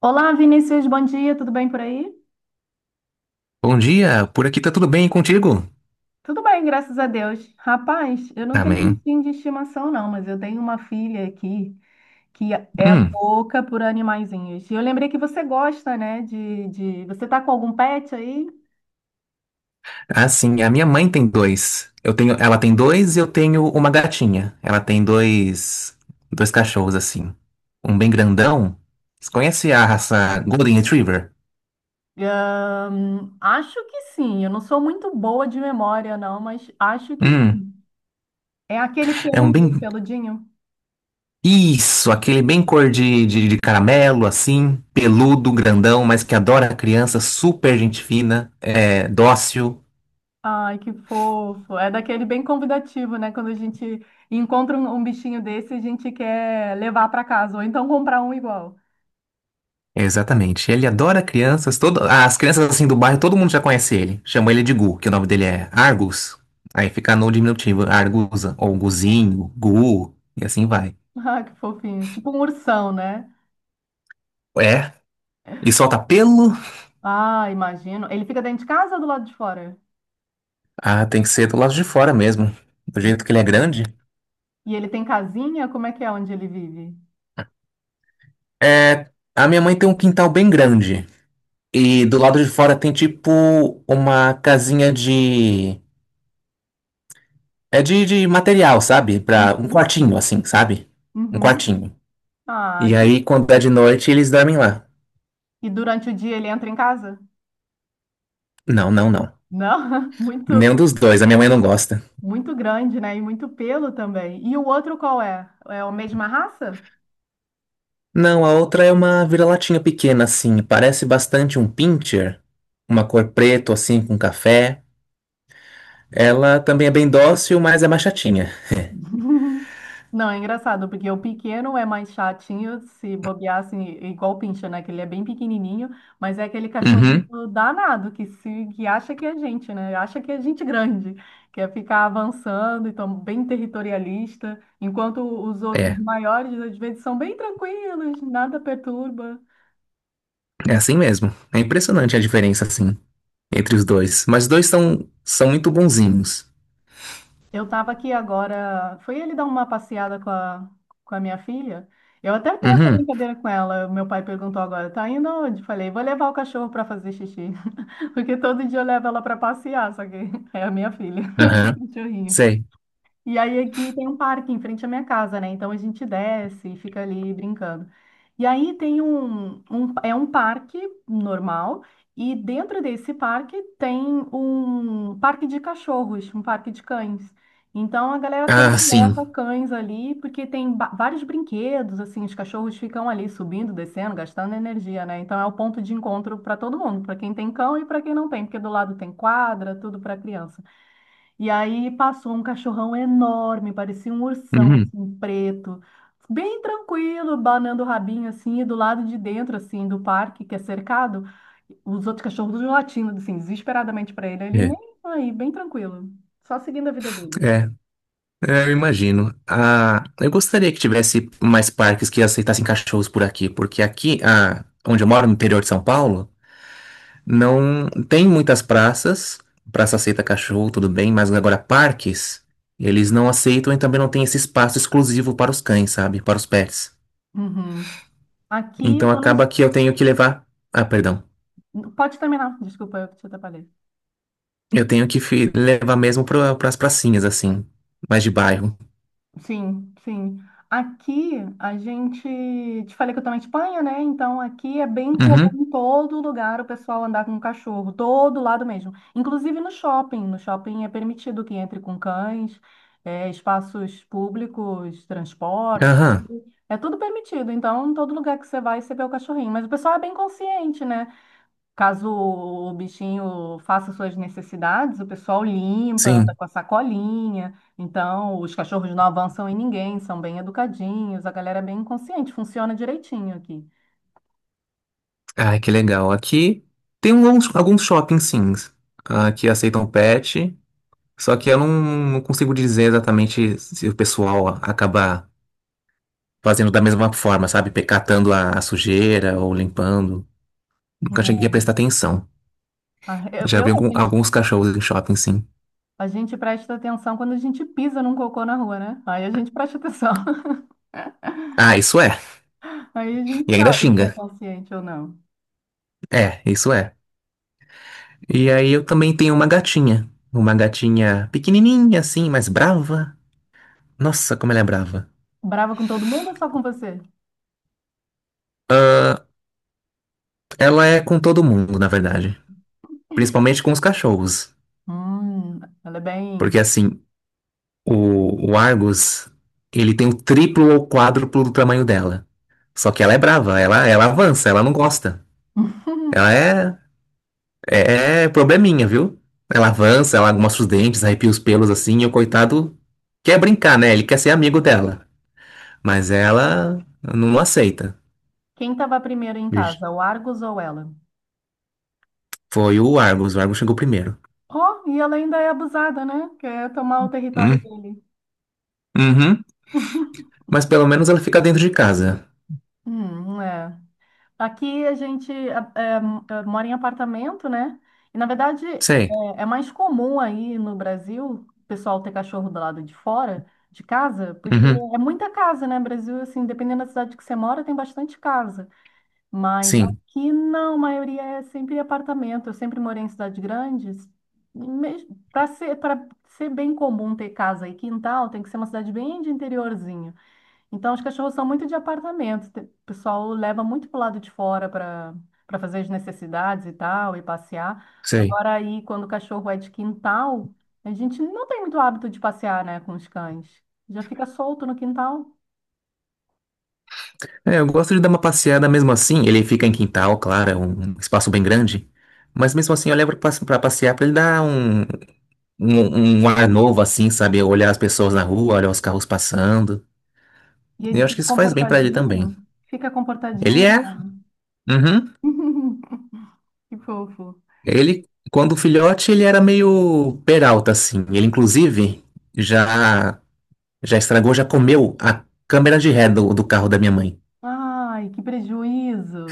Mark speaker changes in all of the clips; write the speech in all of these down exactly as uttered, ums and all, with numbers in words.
Speaker 1: Olá, Vinícius, bom dia, tudo bem por aí?
Speaker 2: Bom dia, por aqui tá tudo bem e contigo?
Speaker 1: Tudo bem, graças a Deus. Rapaz, eu não tenho
Speaker 2: Amém.
Speaker 1: bichinho de estimação, não, mas eu tenho uma filha aqui que é
Speaker 2: Hum.
Speaker 1: louca por animaizinhos. E eu lembrei que você gosta, né, de, de... Você tá com algum pet aí?
Speaker 2: Assim, a minha mãe tem dois. Eu tenho, ela tem dois e eu tenho uma gatinha. Ela tem dois, dois cachorros assim. Um bem grandão. Você conhece a raça Golden Retriever?
Speaker 1: Ahn, acho que sim, eu não sou muito boa de memória, não, mas acho que
Speaker 2: Hum.
Speaker 1: sim. É aquele
Speaker 2: É um
Speaker 1: peludo,
Speaker 2: bem
Speaker 1: peludinho?
Speaker 2: Isso, aquele bem cor de, de, de caramelo assim, peludo, grandão, mas que adora criança, super gente fina, é dócil.
Speaker 1: Ai, que fofo. É daquele bem convidativo, né? Quando a gente encontra um, um bichinho desse, a gente quer levar para casa, ou então comprar um igual.
Speaker 2: Exatamente. Ele adora crianças. Todo... As crianças assim do bairro, todo mundo já conhece ele. Chama ele de Gu, que o nome dele é Argus. Aí fica no diminutivo, Argusa, ou Guzinho, Gu, e assim vai.
Speaker 1: Ah, que fofinho. Tipo um ursão, né?
Speaker 2: É. E solta pelo.
Speaker 1: Ah, imagino. Ele fica dentro de casa ou do lado de fora?
Speaker 2: Ah, tem que ser do lado de fora mesmo. Do
Speaker 1: Muito
Speaker 2: jeito que ele é
Speaker 1: bom.
Speaker 2: grande.
Speaker 1: E ele tem casinha? Como é que é onde ele vive?
Speaker 2: É. A minha mãe tem um quintal bem grande. E do lado de fora tem tipo uma casinha de. É de, de material, sabe? Pra... Um
Speaker 1: Uhum.
Speaker 2: quartinho, assim, sabe? Um
Speaker 1: Uhum.
Speaker 2: quartinho.
Speaker 1: Ah,
Speaker 2: E
Speaker 1: que-
Speaker 2: aí, quando é de noite, eles dormem lá.
Speaker 1: e durante o dia ele entra em casa?
Speaker 2: Não, não, não.
Speaker 1: Não,
Speaker 2: Nenhum
Speaker 1: muito,
Speaker 2: dos dois, a minha mãe não gosta.
Speaker 1: muito grande, né? E muito pelo também. E o outro qual é? É a mesma raça?
Speaker 2: Não, a outra é uma vira-latinha pequena, assim, parece bastante um pincher, uma cor preto, assim, com café. Ela também é bem dócil, mas é mais chatinha.
Speaker 1: Não, é engraçado, porque o pequeno é mais chatinho, se bobear assim, igual o pincha, né? Que ele é bem pequenininho, mas é aquele
Speaker 2: Uhum.
Speaker 1: cachorrinho danado que se que acha que é gente, né? Acha que é gente grande, quer ficar avançando, então bem territorialista, enquanto os outros
Speaker 2: É,
Speaker 1: maiores às vezes são bem tranquilos, nada perturba.
Speaker 2: é assim mesmo. É impressionante a diferença, assim, entre os dois. Mas os dois são, são muito bonzinhos.
Speaker 1: Eu estava aqui agora. Foi ele dar uma passeada com a, com a minha filha. Eu até tenho essa
Speaker 2: Uhum,
Speaker 1: brincadeira com ela. Meu pai perguntou agora: tá indo onde? Falei: vou levar o cachorro para fazer xixi. Porque todo dia eu levo ela para passear, só que é a minha filha,
Speaker 2: aham,
Speaker 1: o cachorrinho.
Speaker 2: sei.
Speaker 1: E aí aqui tem um parque em frente à minha casa, né? Então a gente desce e fica ali brincando. E aí tem um, um- é um parque normal e dentro desse parque tem um parque de cachorros, um parque de cães. Então a galera toda
Speaker 2: Ah,
Speaker 1: leva
Speaker 2: sim.
Speaker 1: cães ali porque tem ba- vários brinquedos, assim, os cachorros ficam ali subindo, descendo, gastando energia, né? Então é o ponto de encontro para todo mundo, para quem tem cão e para quem não tem, porque do lado tem quadra, tudo para criança. E aí passou um cachorrão enorme, parecia um ursão,
Speaker 2: Uhum.
Speaker 1: assim, preto, bem tranquilo, banando o rabinho, assim, e do lado de dentro, assim, do parque, que é cercado, os outros cachorros latindo, assim, desesperadamente para ele. Ele nem
Speaker 2: É,
Speaker 1: aí, bem tranquilo, só seguindo a vida dele.
Speaker 2: é. É, eu imagino. Ah, eu gostaria que tivesse mais parques que aceitassem cachorros por aqui, porque aqui, ah, onde eu moro, no interior de São Paulo, não tem muitas praças. Praça aceita cachorro, tudo bem, mas agora parques, eles não aceitam e também não tem esse espaço exclusivo para os cães, sabe? Para os pets.
Speaker 1: Uhum. Aqui eu
Speaker 2: Então
Speaker 1: tô na... es-
Speaker 2: acaba que eu tenho que levar. Ah, perdão.
Speaker 1: Pode terminar, desculpa, eu que te atrapalhei.
Speaker 2: Eu tenho que fi- levar mesmo para as pracinhas, assim, mais de bairro.
Speaker 1: Sim, sim. Aqui a gente, te falei que eu estou na Espanha, né? Então aqui é bem comum
Speaker 2: Uhum.
Speaker 1: em todo lugar o pessoal andar com cachorro, todo lado mesmo. Inclusive no shopping. No shopping é permitido que entre com cães, é, espaços públicos, transporte,
Speaker 2: Aham,
Speaker 1: tudo. É tudo permitido. Então, em todo lugar que você vai, você vê o cachorrinho. Mas o pessoal é bem consciente, né? Caso o bichinho faça suas necessidades, o pessoal limpa, anda
Speaker 2: sim.
Speaker 1: com a sacolinha. Então, os cachorros não avançam em ninguém, são bem educadinhos, a galera é bem consciente, funciona direitinho aqui.
Speaker 2: Ah, que legal. Aqui tem alguns, alguns shoppings, sim, ah, que aceitam pet, só que eu não, não consigo dizer exatamente se o pessoal acaba fazendo da mesma forma, sabe? Pe- Catando a, a sujeira ou limpando. Nunca
Speaker 1: É.
Speaker 2: cheguei a prestar atenção.
Speaker 1: Ah, Eu,
Speaker 2: Já
Speaker 1: eu-
Speaker 2: vi
Speaker 1: a
Speaker 2: algum-
Speaker 1: gente,
Speaker 2: alguns cachorros em shopping, sim.
Speaker 1: a gente presta atenção quando a gente pisa num cocô na rua, né? Aí a gente presta atenção.
Speaker 2: Ah, isso é.
Speaker 1: Aí a gente
Speaker 2: E ainda
Speaker 1: sabe quem
Speaker 2: xinga.
Speaker 1: é consciente ou não.
Speaker 2: É, isso é. E aí eu também tenho uma gatinha. Uma gatinha pequenininha, assim, mas brava. Nossa, como ela é brava.
Speaker 1: Brava com todo mundo ou só com você?
Speaker 2: Ela é com todo mundo, na verdade. Principalmente com os cachorros.
Speaker 1: Hum, ela é
Speaker 2: Porque
Speaker 1: bem.
Speaker 2: assim, o, o Argus, ele tem o triplo ou quádruplo do tamanho dela. Só que ela é brava, ela, ela avança, ela não gosta. Ela é, é, é probleminha, viu? Ela avança, ela mostra os dentes, arrepia os pelos assim, e o coitado quer brincar, né? Ele quer ser amigo dela. Mas ela não aceita.
Speaker 1: Quem estava primeiro em casa, o Argos ou ela?
Speaker 2: Foi o Argus, o Argus chegou primeiro.
Speaker 1: Ó, e ela ainda é abusada, né? Quer tomar o território
Speaker 2: Hum,
Speaker 1: dele.
Speaker 2: Uhum. Mas pelo menos ela fica dentro de casa.
Speaker 1: Hum, é. Aqui a gente é, é, é, mora em apartamento, né? E na verdade é,
Speaker 2: Sei.
Speaker 1: é mais comum aí no Brasil o pessoal ter cachorro do lado de fora de casa, porque
Speaker 2: Uhum.
Speaker 1: é muita casa, né? Brasil, assim, dependendo da cidade que você mora, tem bastante casa. Mas
Speaker 2: Sim,
Speaker 1: aqui não, a maioria é sempre apartamento. Eu sempre morei em cidades grandes. Para ser, para ser bem comum ter casa e quintal, tem que ser uma cidade bem de interiorzinho. Então, os cachorros são muito de apartamento. Te- O pessoal leva muito para o lado de fora para para fazer as necessidades e tal, e passear.
Speaker 2: sei.
Speaker 1: Agora, aí, quando o cachorro é de quintal, a gente não tem muito hábito de passear, né, com os cães. Já fica solto no quintal
Speaker 2: É, eu gosto de dar uma passeada mesmo assim. Ele fica em quintal, claro, é um um espaço bem grande. Mas mesmo assim eu levo pra pra passear pra ele dar um, um, um ar novo, assim, sabe? Olhar as pessoas na rua, olhar os carros passando.
Speaker 1: e ele
Speaker 2: Eu acho que
Speaker 1: fica
Speaker 2: isso faz bem pra ele também.
Speaker 1: comportadinho, fica
Speaker 2: Ele
Speaker 1: comportadinho.
Speaker 2: é. Uhum.
Speaker 1: Que fofo.
Speaker 2: Ele, quando filhote, ele era meio peralta, assim. Ele, inclusive, já, já estragou, já comeu a câmera de ré do, do carro da minha mãe.
Speaker 1: Ai, que prejuízo.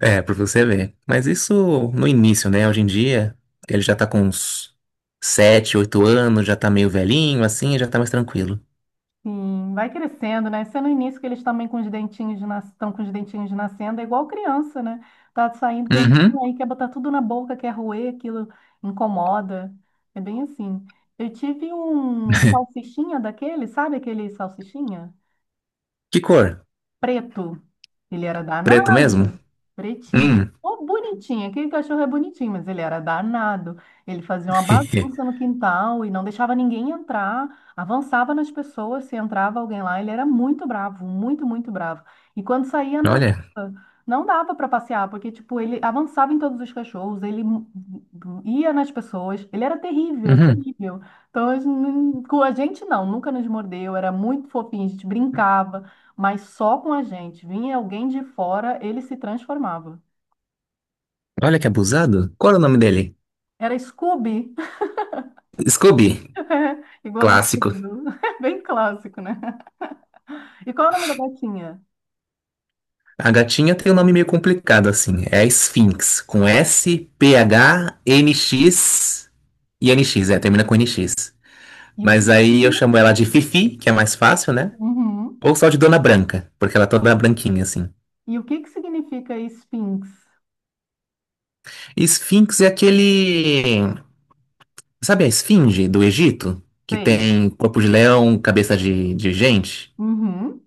Speaker 2: É, pra você ver. Mas isso no início, né? Hoje em dia, ele já tá com uns sete, oito anos, já tá meio velhinho, assim, já tá mais tranquilo.
Speaker 1: Sim, vai crescendo, né? Sendo no início que eles também com os dentinhos de nas... estão com os dentinhos de nascendo, é igual criança, né? Tá saindo
Speaker 2: Uhum.
Speaker 1: dentinho aí, quer botar tudo na boca, quer roer, aquilo incomoda. É bem assim. Eu tive um salsichinha daquele, sabe aquele salsichinha?
Speaker 2: Que cor?
Speaker 1: Preto. Ele era
Speaker 2: Preto mesmo?
Speaker 1: danado, pretinho.
Speaker 2: Hum.
Speaker 1: Oh, bonitinho, aquele cachorro é bonitinho, mas ele era danado. Ele fazia uma bagunça no quintal e não deixava ninguém entrar, avançava nas pessoas, se entrava alguém lá, ele era muito bravo, muito, muito bravo. E quando saía na
Speaker 2: Olha.
Speaker 1: rua, não dava para passear, porque tipo, ele avançava em todos os cachorros, ele m- m- ia nas pessoas, ele era terrível,
Speaker 2: Uhum.
Speaker 1: terrível. Então, a gente com a gente não, nunca nos mordeu, era muito fofinho, a gente brincava. Mas só com a gente. Vinha alguém de fora, ele se transformava.
Speaker 2: Olha que abusado. Qual era o nome dele?
Speaker 1: Era Scooby,
Speaker 2: Scooby.
Speaker 1: igual o
Speaker 2: Clássico.
Speaker 1: Scooby, bem clássico, né? E qual é o nome da gatinha?
Speaker 2: A gatinha tem um nome meio complicado, assim. É a Sphinx. Com S P H N X e N X. É, termina com N X.
Speaker 1: E o que
Speaker 2: Mas
Speaker 1: que
Speaker 2: aí eu chamo ela de
Speaker 1: significa?
Speaker 2: Fifi, que é mais fácil, né?
Speaker 1: Uhum.
Speaker 2: Ou só de Dona Branca, porque ela é toda branquinha, assim.
Speaker 1: E o que que significa Sphinx?
Speaker 2: Esfinx é aquele. Sabe a esfinge do Egito? Que
Speaker 1: Sei.
Speaker 2: tem corpo de leão, cabeça de, de gente?
Speaker 1: Uhum.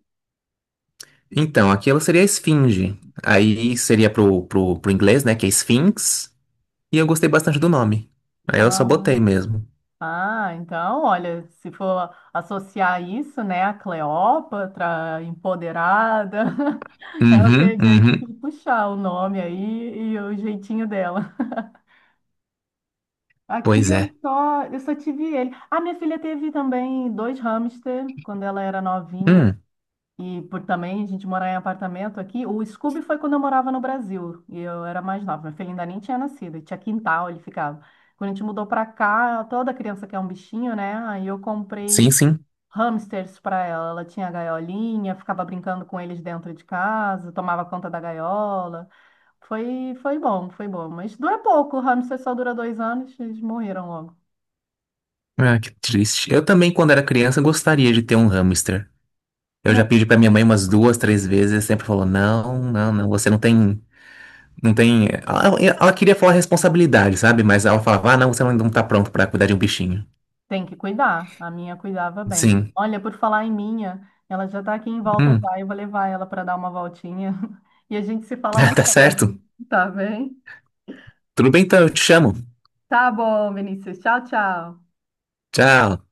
Speaker 2: Então, aquilo seria a esfinge. Aí seria pro, pro, pro inglês, né? Que é Sphinx. E eu gostei bastante do nome. Aí eu só
Speaker 1: Ah,
Speaker 2: botei mesmo.
Speaker 1: ah, então, olha, se for associar isso, né, a Cleópatra, empoderada, ela
Speaker 2: Uhum,
Speaker 1: teve aí
Speaker 2: uhum.
Speaker 1: que puxar o nome aí e o jeitinho dela. Aqui
Speaker 2: Pois
Speaker 1: eu
Speaker 2: é.
Speaker 1: só, eu só tive ele. A minha filha teve também dois hamster quando ela era novinha.
Speaker 2: Hum,
Speaker 1: E por também a gente morar em apartamento aqui. O Scooby foi quando eu morava no Brasil. E eu era mais nova. Minha filha ainda nem tinha nascido. Tinha quintal, ele ficava. Quando a gente mudou pra cá, toda criança quer um bichinho, né? Aí eu
Speaker 2: sim,
Speaker 1: comprei
Speaker 2: sim.
Speaker 1: hamsters pra ela. Ela tinha a gaiolinha, ficava brincando com eles dentro de casa, tomava conta da gaiola. Foi, foi bom, foi bom. Mas dura pouco. O hamster só dura dois anos, eles morreram logo.
Speaker 2: Ah, que triste. Eu também, quando era criança, gostaria de ter um hamster. Eu
Speaker 1: É,
Speaker 2: já pedi pra minha mãe umas duas, três vezes, e sempre falou: não, não, não, você não tem. Não tem. Ela, ela queria falar responsabilidade, sabe? Mas ela falava: ah, não, você não tá pronto pra cuidar de um bichinho.
Speaker 1: tem que cuidar. A minha cuidava bem.
Speaker 2: Sim.
Speaker 1: Olha, por falar em minha, ela já tá aqui em volta
Speaker 2: Hum.
Speaker 1: já. Eu vou levar ela para dar uma voltinha e a gente se fala mais
Speaker 2: Tá certo.
Speaker 1: tarde. Tá bem?
Speaker 2: Tudo bem, então, eu te chamo.
Speaker 1: Tá bom, Vinícius. Tchau, tchau.
Speaker 2: Tchau.